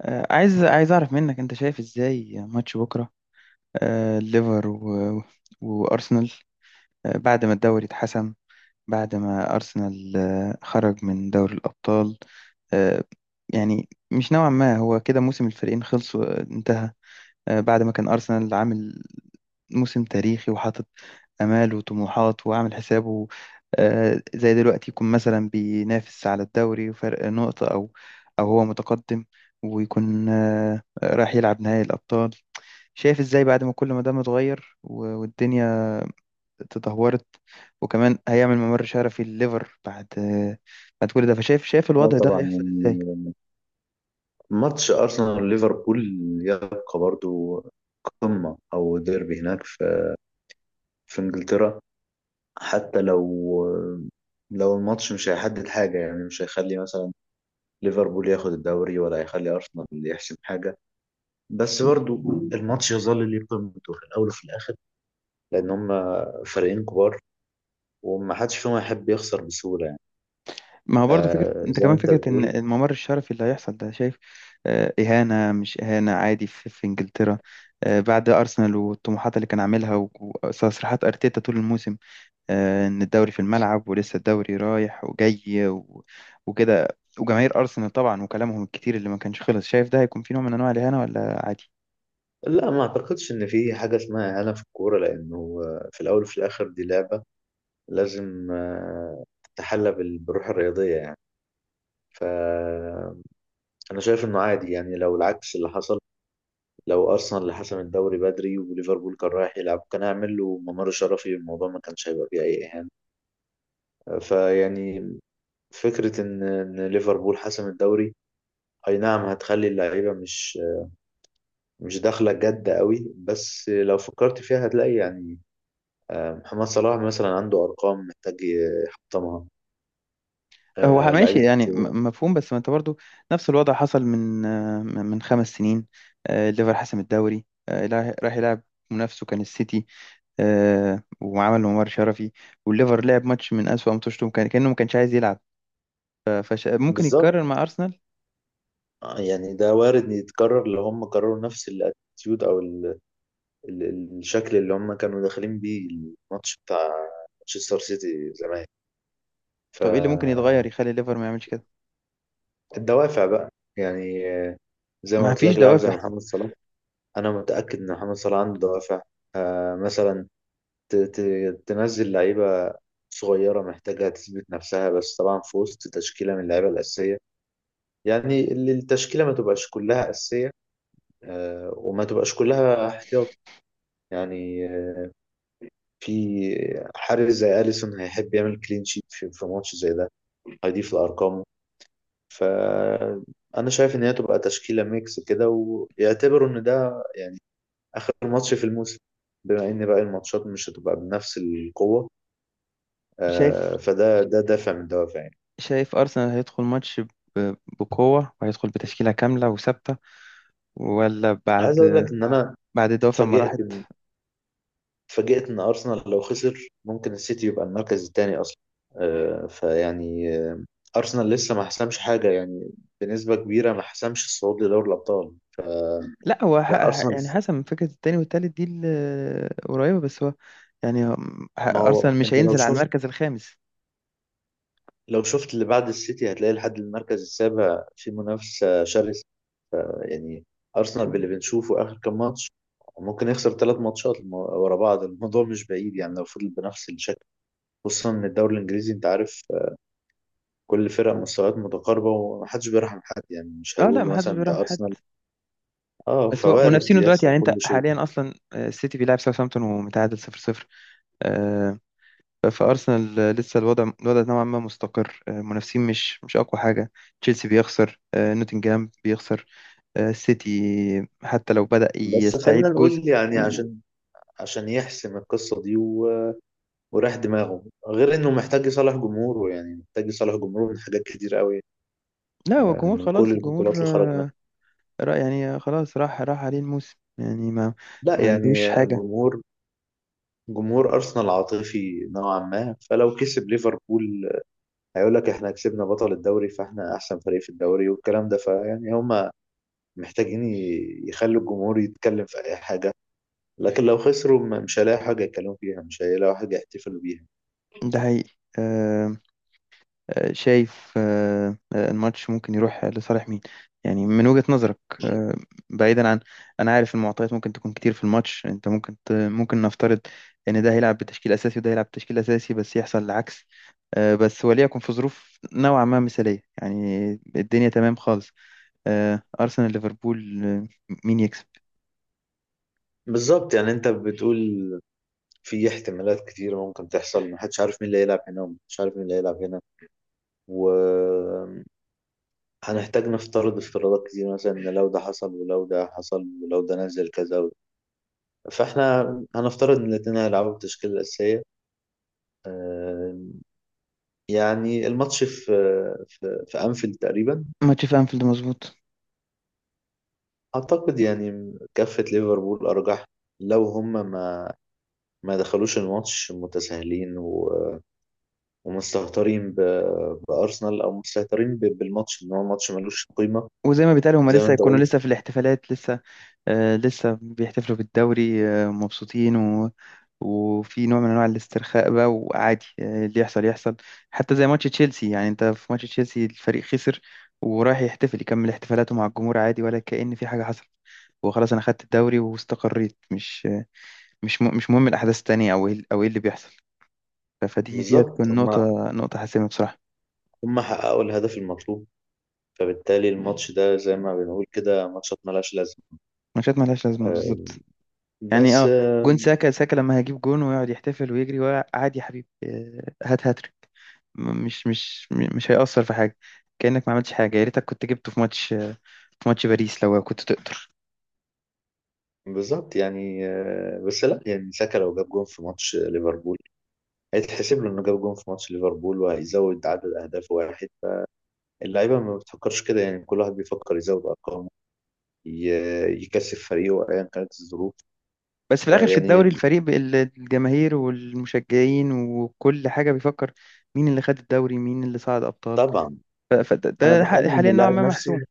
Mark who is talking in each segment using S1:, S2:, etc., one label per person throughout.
S1: عايز اعرف منك انت شايف ازاي ماتش بكره. الليفر وارسنال بعد ما الدوري اتحسم، بعد ما ارسنال خرج من دوري الابطال. آه، يعني مش نوعا ما هو كده موسم الفريقين خلص وانتهى، بعد ما كان ارسنال عامل موسم تاريخي وحاطط آمال وطموحات وعامل حسابه. زي دلوقتي يكون مثلا بينافس على الدوري وفرق نقطة أو هو متقدم، ويكون رايح يلعب نهائي الأبطال. شايف إزاي بعد ما كل ما ده متغير والدنيا تدهورت، وكمان هيعمل ممر شرفي لليفر، بعد كل ده، فشايف
S2: اه
S1: الوضع ده
S2: طبعا
S1: هيحصل إزاي؟
S2: يعني، ماتش ارسنال ليفربول يبقى برضو قمة او ديربي هناك في انجلترا. حتى لو الماتش مش هيحدد حاجة، يعني مش هيخلي مثلا ليفربول ياخد الدوري ولا هيخلي ارسنال يحسم حاجة. بس برضو الماتش يظل ليه قيمته في الاول وفي الاخر، لان هم فريقين كبار وما حدش فيهم هيحب يخسر بسهولة يعني.
S1: ما هو برضه فكرة،
S2: آه،
S1: انت
S2: زي ما
S1: كمان
S2: انت
S1: فكرة ان
S2: بتقول.
S1: الممر الشرفي اللي هيحصل ده، شايف اهانة مش اهانة، عادي في انجلترا؟ بعد ارسنال والطموحات اللي كان عاملها وتصريحات ارتيتا طول الموسم، ان الدوري في الملعب ولسه الدوري رايح وجاي وكده، وجماهير ارسنال طبعا وكلامهم الكتير اللي ما كانش خلص، شايف ده هيكون في نوع من انواع الاهانة ولا عادي؟
S2: لا ما اعتقدش ان في حاجة اسمها اهانة في الكورة، لانه في الاول وفي الاخر دي لعبة. لازم تتحلى بالروح الرياضية يعني. فأنا شايف إنه عادي، يعني لو العكس اللي حصل، لو أرسنال اللي حسم الدوري بدري وليفربول كان رايح يلعب، كان هيعمل له ممر شرفي. الموضوع ما كانش هيبقى فيه أي إهانة. فيعني، فكرة إن ليفربول حسم الدوري، أي نعم هتخلي اللعيبة مش داخلة جد قوي، بس لو فكرت فيها هتلاقي يعني، محمد صلاح مثلا عنده أرقام محتاج يحطمها.
S1: هو ماشي
S2: لعيبة.
S1: يعني مفهوم، بس ما انت برضه نفس الوضع حصل من خمس سنين. الليفر حسم الدوري، راح يلعب، منافسه كان السيتي، وعمل عمر شرفي، والليفر لعب ماتش من أسوأ ماتشاته، كان كأنه ما كانش عايز يلعب. ممكن
S2: بالظبط.
S1: يتكرر مع أرسنال؟
S2: يعني ده وارد إن يتكرر لو هم كرروا نفس الاتيتيود، او ال... ال... ال- الشكل اللي هم كانوا داخلين بيه الماتش بتاع مانشستر سيتي زمان. ف
S1: طب إيه اللي ممكن يتغير يخلي الليفر ما يعملش كده؟
S2: الدوافع بقى، يعني زي ما
S1: ما
S2: قلت
S1: فيش
S2: لك لاعب زي
S1: دوافع؟
S2: محمد صلاح. انا متاكد ان محمد صلاح عنده دوافع. مثلا، ت... ت... تنزل لعيبه صغيره محتاجه تثبت نفسها، بس طبعا في وسط تشكيله من اللعيبه الاساسيه. يعني اللي التشكيله ما تبقاش كلها اساسيه، وما تبقاش كلها احتياط. يعني في حارس زي أليسون هيحب يعمل كلين شيت في ماتش زي ده، هيضيف لأرقامه. فأنا شايف إن هي تبقى تشكيلة ميكس كده، ويعتبروا إن ده يعني آخر ماتش في الموسم، بما إن باقي الماتشات مش هتبقى بنفس القوة.
S1: شايف.
S2: فده ده دافع من دوافع يعني.
S1: شايف أرسنال هيدخل ماتش بقوة وهيدخل بتشكيلة كاملة وثابتة، ولا بعد
S2: عايز أقول لك إن أنا
S1: بعد الدوافع ما
S2: اتفاجئت.
S1: راحت؟
S2: اتفاجئت ان ارسنال لو خسر ممكن السيتي يبقى المركز الثاني اصلا. فيعني ارسنال لسه ما حسمش حاجه، يعني بنسبه كبيره ما حسمش الصعود لدوري الابطال.
S1: لا، هو
S2: لا، ارسنال.
S1: يعني حسب، من فكرة التاني والتالت دي قريبة، بس هو يعني
S2: ما هو
S1: أرسنال مش
S2: انت لو
S1: هينزل على
S2: شفت،
S1: المركز الخامس.
S2: لو شفت اللي بعد السيتي هتلاقي لحد المركز السابع في منافسه شرسه. ف- يعني ارسنال باللي بنشوفه اخر كام ماتش ممكن يخسر ثلاث ماتشات ورا بعض. الموضوع مش بعيد يعني لو فضل بنفس الشكل، خصوصا ان الدوري الانجليزي انت عارف كل فرق مستويات متقاربة ومحدش بيرحم حد. يعني مش
S1: اه لا،
S2: هيقولوا
S1: محدش
S2: مثلا
S1: بيراهم
S2: ده
S1: حد.
S2: أرسنال. اه،
S1: بس هو
S2: فوارد
S1: منافسينه دلوقتي،
S2: يحصل
S1: يعني
S2: كل
S1: انت
S2: شيء.
S1: حاليا اصلا السيتي بيلعب ساوثهامبتون ومتعادل 0-0. آه، فارسنال لسه الوضع نوعا ما مستقر، منافسين مش اقوى حاجه. تشيلسي بيخسر، نوتنجهام بيخسر، السيتي حتى لو بدأ
S2: بس خلينا
S1: يستعيد جزء.
S2: نقول يعني، عشان يحسم القصة دي وراح دماغه، غير انه محتاج يصالح جمهوره. يعني محتاج يصالح جمهوره من حاجات كتير قوي،
S1: لا، هو الجمهور
S2: من كل
S1: خلاص، الجمهور
S2: البطولات اللي خرج منها.
S1: رأي، يعني خلاص راح عليه الموسم، يعني ما
S2: لا،
S1: ما عندوش
S2: يعني
S1: حاجه.
S2: جمهور جمهور ارسنال عاطفي نوعا ما، فلو كسب ليفربول هيقول لك احنا كسبنا بطل الدوري فاحنا احسن فريق في الدوري والكلام ده. فيعني هم محتاجين يخلوا الجمهور يتكلم في اي حاجه، لكن لو خسروا مش هيلاقوا حاجه يتكلموا فيها، مش هيلاقوا حاجه يحتفلوا بيها.
S1: ده حقيقي. آه، شايف الماتش ممكن يروح لصالح مين؟ يعني من وجهة نظرك. آه، بعيدا عن، انا عارف المعطيات ممكن تكون كتير في الماتش، انت ممكن ممكن نفترض ان ده هيلعب بتشكيل اساسي وده هيلعب بتشكيل اساسي، بس يحصل العكس. بس وليكن في ظروف نوعا ما مثالية، يعني الدنيا تمام خالص. ارسنال ليفربول، مين يكسب؟
S2: بالظبط، يعني انت بتقول في احتمالات كتير ممكن تحصل، محدش عارف مين اللي هيلعب هنا ومحدش عارف مين اللي هيلعب هنا، وهنحتاج نفترض افتراضات كتير، مثلا ان لو ده حصل ولو ده حصل ولو ده نزل كذا فاحنا هنفترض ان الاتنين هيلعبوا بالتشكيلة الأساسية. آه، يعني الماتش في في أنفيلد تقريبا.
S1: ماتش في انفيلد، مظبوط.
S2: أعتقد يعني كفة ليفربول أرجح، لو هم ما دخلوش الماتش متساهلين ومستهترين بأرسنال، أو مستهترين بالماتش إن هو ماتش ملوش قيمة.
S1: وزي ما بيتقال، هما
S2: زي ما
S1: لسه
S2: أنت
S1: هيكونوا
S2: قلت،
S1: لسه في الاحتفالات لسه لسه بيحتفلوا بالدوري مبسوطين، وفي نوع من انواع الاسترخاء بقى، وعادي اللي يحصل يحصل. حتى زي ماتش تشيلسي، يعني انت في ماتش تشيلسي الفريق خسر ورايح يحتفل، يكمل احتفالاته مع الجمهور عادي، ولا كأن في حاجة حصلت. وخلاص انا خدت الدوري واستقريت، مش مهم الاحداث التانية او ايه او ايه اللي بيحصل. فدي
S2: بالظبط.
S1: هتكون
S2: هم
S1: نقطة حاسمة بصراحة.
S2: هم حققوا الهدف المطلوب، فبالتالي الماتش ده زي ما بنقول كده ماتشات ملهاش لازمة.
S1: ماتشات ملهاش لازمة،
S2: آه،
S1: بالظبط. يعني
S2: بس
S1: اه،
S2: آه،
S1: جون ساكا لما هجيب جون ويقعد يحتفل ويجري، وعادي يا حبيبي، هات هاتريك، مش هيأثر في حاجة. كأنك ما عملتش حاجة. يا ريتك كنت جبته في ماتش، في ماتش باريس لو كنت تقدر.
S2: بالظبط. يعني بس لا، يعني ساكا لو جاب جون في ماتش ليفربول، هيتحسب له إنه جاب جون في ماتش ليفربول وهيزود عدد أهدافه واحد. اللعيبة ما بتفكرش كده، يعني كل واحد بيفكر يزود أرقامه، يكسب فريقه أيا كانت الظروف.
S1: بس في الآخر في الدوري،
S2: فيعني،
S1: الفريق الجماهير والمشجعين وكل حاجة بيفكر مين اللي خد الدوري، مين اللي صعد أبطال،
S2: طبعا أنا
S1: فده
S2: بتكلم إن
S1: حاليا نوعا
S2: اللاعب
S1: ما
S2: نفسه،
S1: محسوم.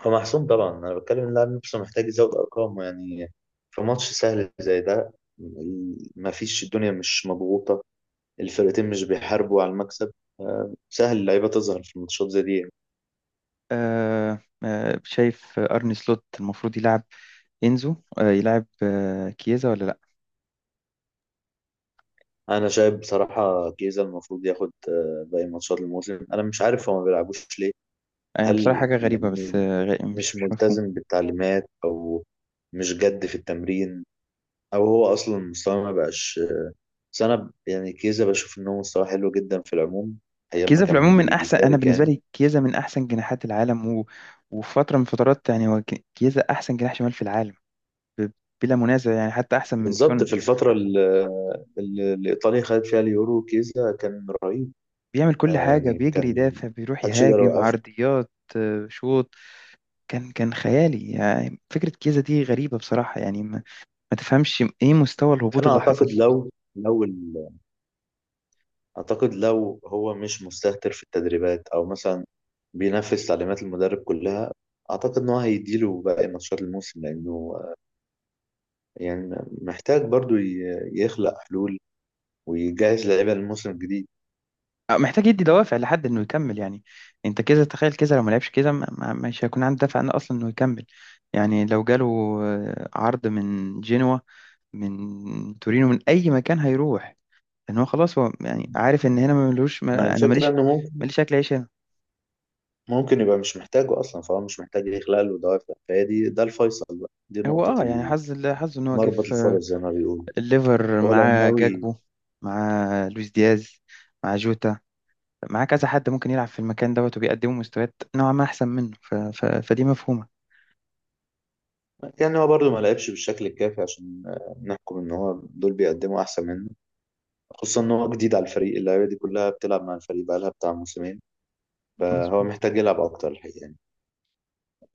S2: هو محسوم طبعا. أنا بتكلم إن اللاعب نفسه محتاج يزود أرقامه يعني، في ماتش سهل زي ده، ما فيش الدنيا مش مضغوطة، الفرقتين مش بيحاربوا على المكسب. سهل اللعيبة تظهر في الماتشات زي دي.
S1: شايف أرني سلوت المفروض يلعب إنزو، يلعب كيزا ولا؟
S2: أنا شايف بصراحة جيزة المفروض ياخد باقي ماتشات الموسم، أنا مش عارف هو ما بيلعبوش ليه.
S1: يعني بصراحة
S2: هل
S1: حاجة غريبة،
S2: لأنه
S1: بس مش
S2: مش
S1: مش مفهوم.
S2: ملتزم بالتعليمات، أو مش جد في التمرين، أو هو أصلا مستواه ما بقاش؟ بس أنا يعني كيزا بشوف إن هو مستواه حلو جدا في العموم، أيام ما
S1: كيزا في
S2: كان
S1: العموم من أحسن، أنا
S2: بيشارك
S1: بالنسبة
S2: يعني.
S1: لي كيزا من أحسن جناحات العالم، وفي فترة من فترات، يعني هو كيزا أحسن جناح شمال في العالم ب... بلا منازع، يعني حتى أحسن من
S2: بالظبط،
S1: سون.
S2: في الفترة اللي إيطاليا خدت فيها اليورو كيزا كان رهيب.
S1: بيعمل كل
S2: آه،
S1: حاجة،
S2: يعني
S1: بيجري،
S2: كان
S1: يدافع، بيروح
S2: محدش يقدر
S1: يهاجم،
S2: يوقفه.
S1: عرضيات، شوط، كان خيالي. يعني فكرة كيزا دي غريبة بصراحة، يعني ما تفهمش إيه مستوى الهبوط
S2: فأنا
S1: اللي حصل.
S2: أعتقد لو أعتقد لو هو مش مستهتر في التدريبات، أو مثلا بينفذ تعليمات المدرب كلها، أعتقد إن هو هيديله باقي ماتشات الموسم، لأنه يعني محتاج برضو يخلق حلول ويجهز لعيبة للموسم الجديد.
S1: محتاج يدي دوافع لحد انه يكمل، يعني انت كذا تخيل كذا، لو ما لعبش كذا مش هيكون عنده دافع انه اصلا انه يكمل. يعني لو جاله عرض من جنوة، من تورينو، من اي مكان، هيروح. لان هو خلاص، هو يعني عارف ان هنا ما ملوش،
S2: مع
S1: ما انا
S2: الفكرة
S1: ماليش،
S2: إنه ممكن
S1: اكل عيش هنا.
S2: ممكن يبقى مش محتاجه أصلا، فهو مش محتاج يخلق له دوافع. فهي دي ده الفيصل بقى، دي
S1: هو
S2: نقطة
S1: اه، يعني حظه ان هو جه
S2: مربط
S1: في
S2: الفرس زي ما بيقولوا.
S1: الليفر،
S2: هو لو
S1: مع
S2: ناوي،
S1: جاكبو، مع لويس دياز، مع جوتا، مع كذا حد ممكن يلعب في المكان دوت، وبيقدموا مستويات نوعا ما احسن منه. فدي مفهومة.
S2: يعني هو برضو ما لعبش بالشكل الكافي عشان نحكم إن هو دول بيقدموا أحسن منه، خصوصا ان هو جديد على الفريق، اللعيبه دي كلها بتلعب مع الفريق بقالها بتاع موسمين. فهو محتاج يلعب اكتر الحقيقه يعني.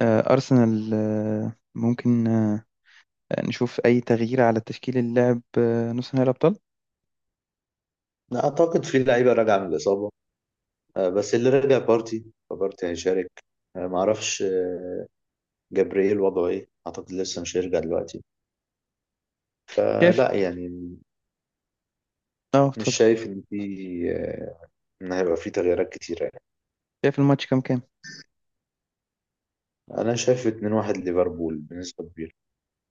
S1: أرسنال ممكن نشوف أي تغيير على تشكيل اللاعب نص نهائي الأبطال؟
S2: أنا اعتقد في لعيبه راجعه من الاصابه، بس اللي رجع بارتي، فبارتي هيشارك. معرفش جبريل وضعه ايه، اعتقد لسه مش هيرجع دلوقتي.
S1: شايف.
S2: فلا يعني
S1: اه،
S2: مش
S1: اتفضل.
S2: شايف ان في آه، ان هيبقى في تغييرات كتيره يعني.
S1: شايف الماتش كام كام؟
S2: انا شايف 2-1 ليفربول بنسبه كبيره.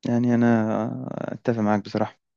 S1: يعني أنا أتفق معاك بصراحة.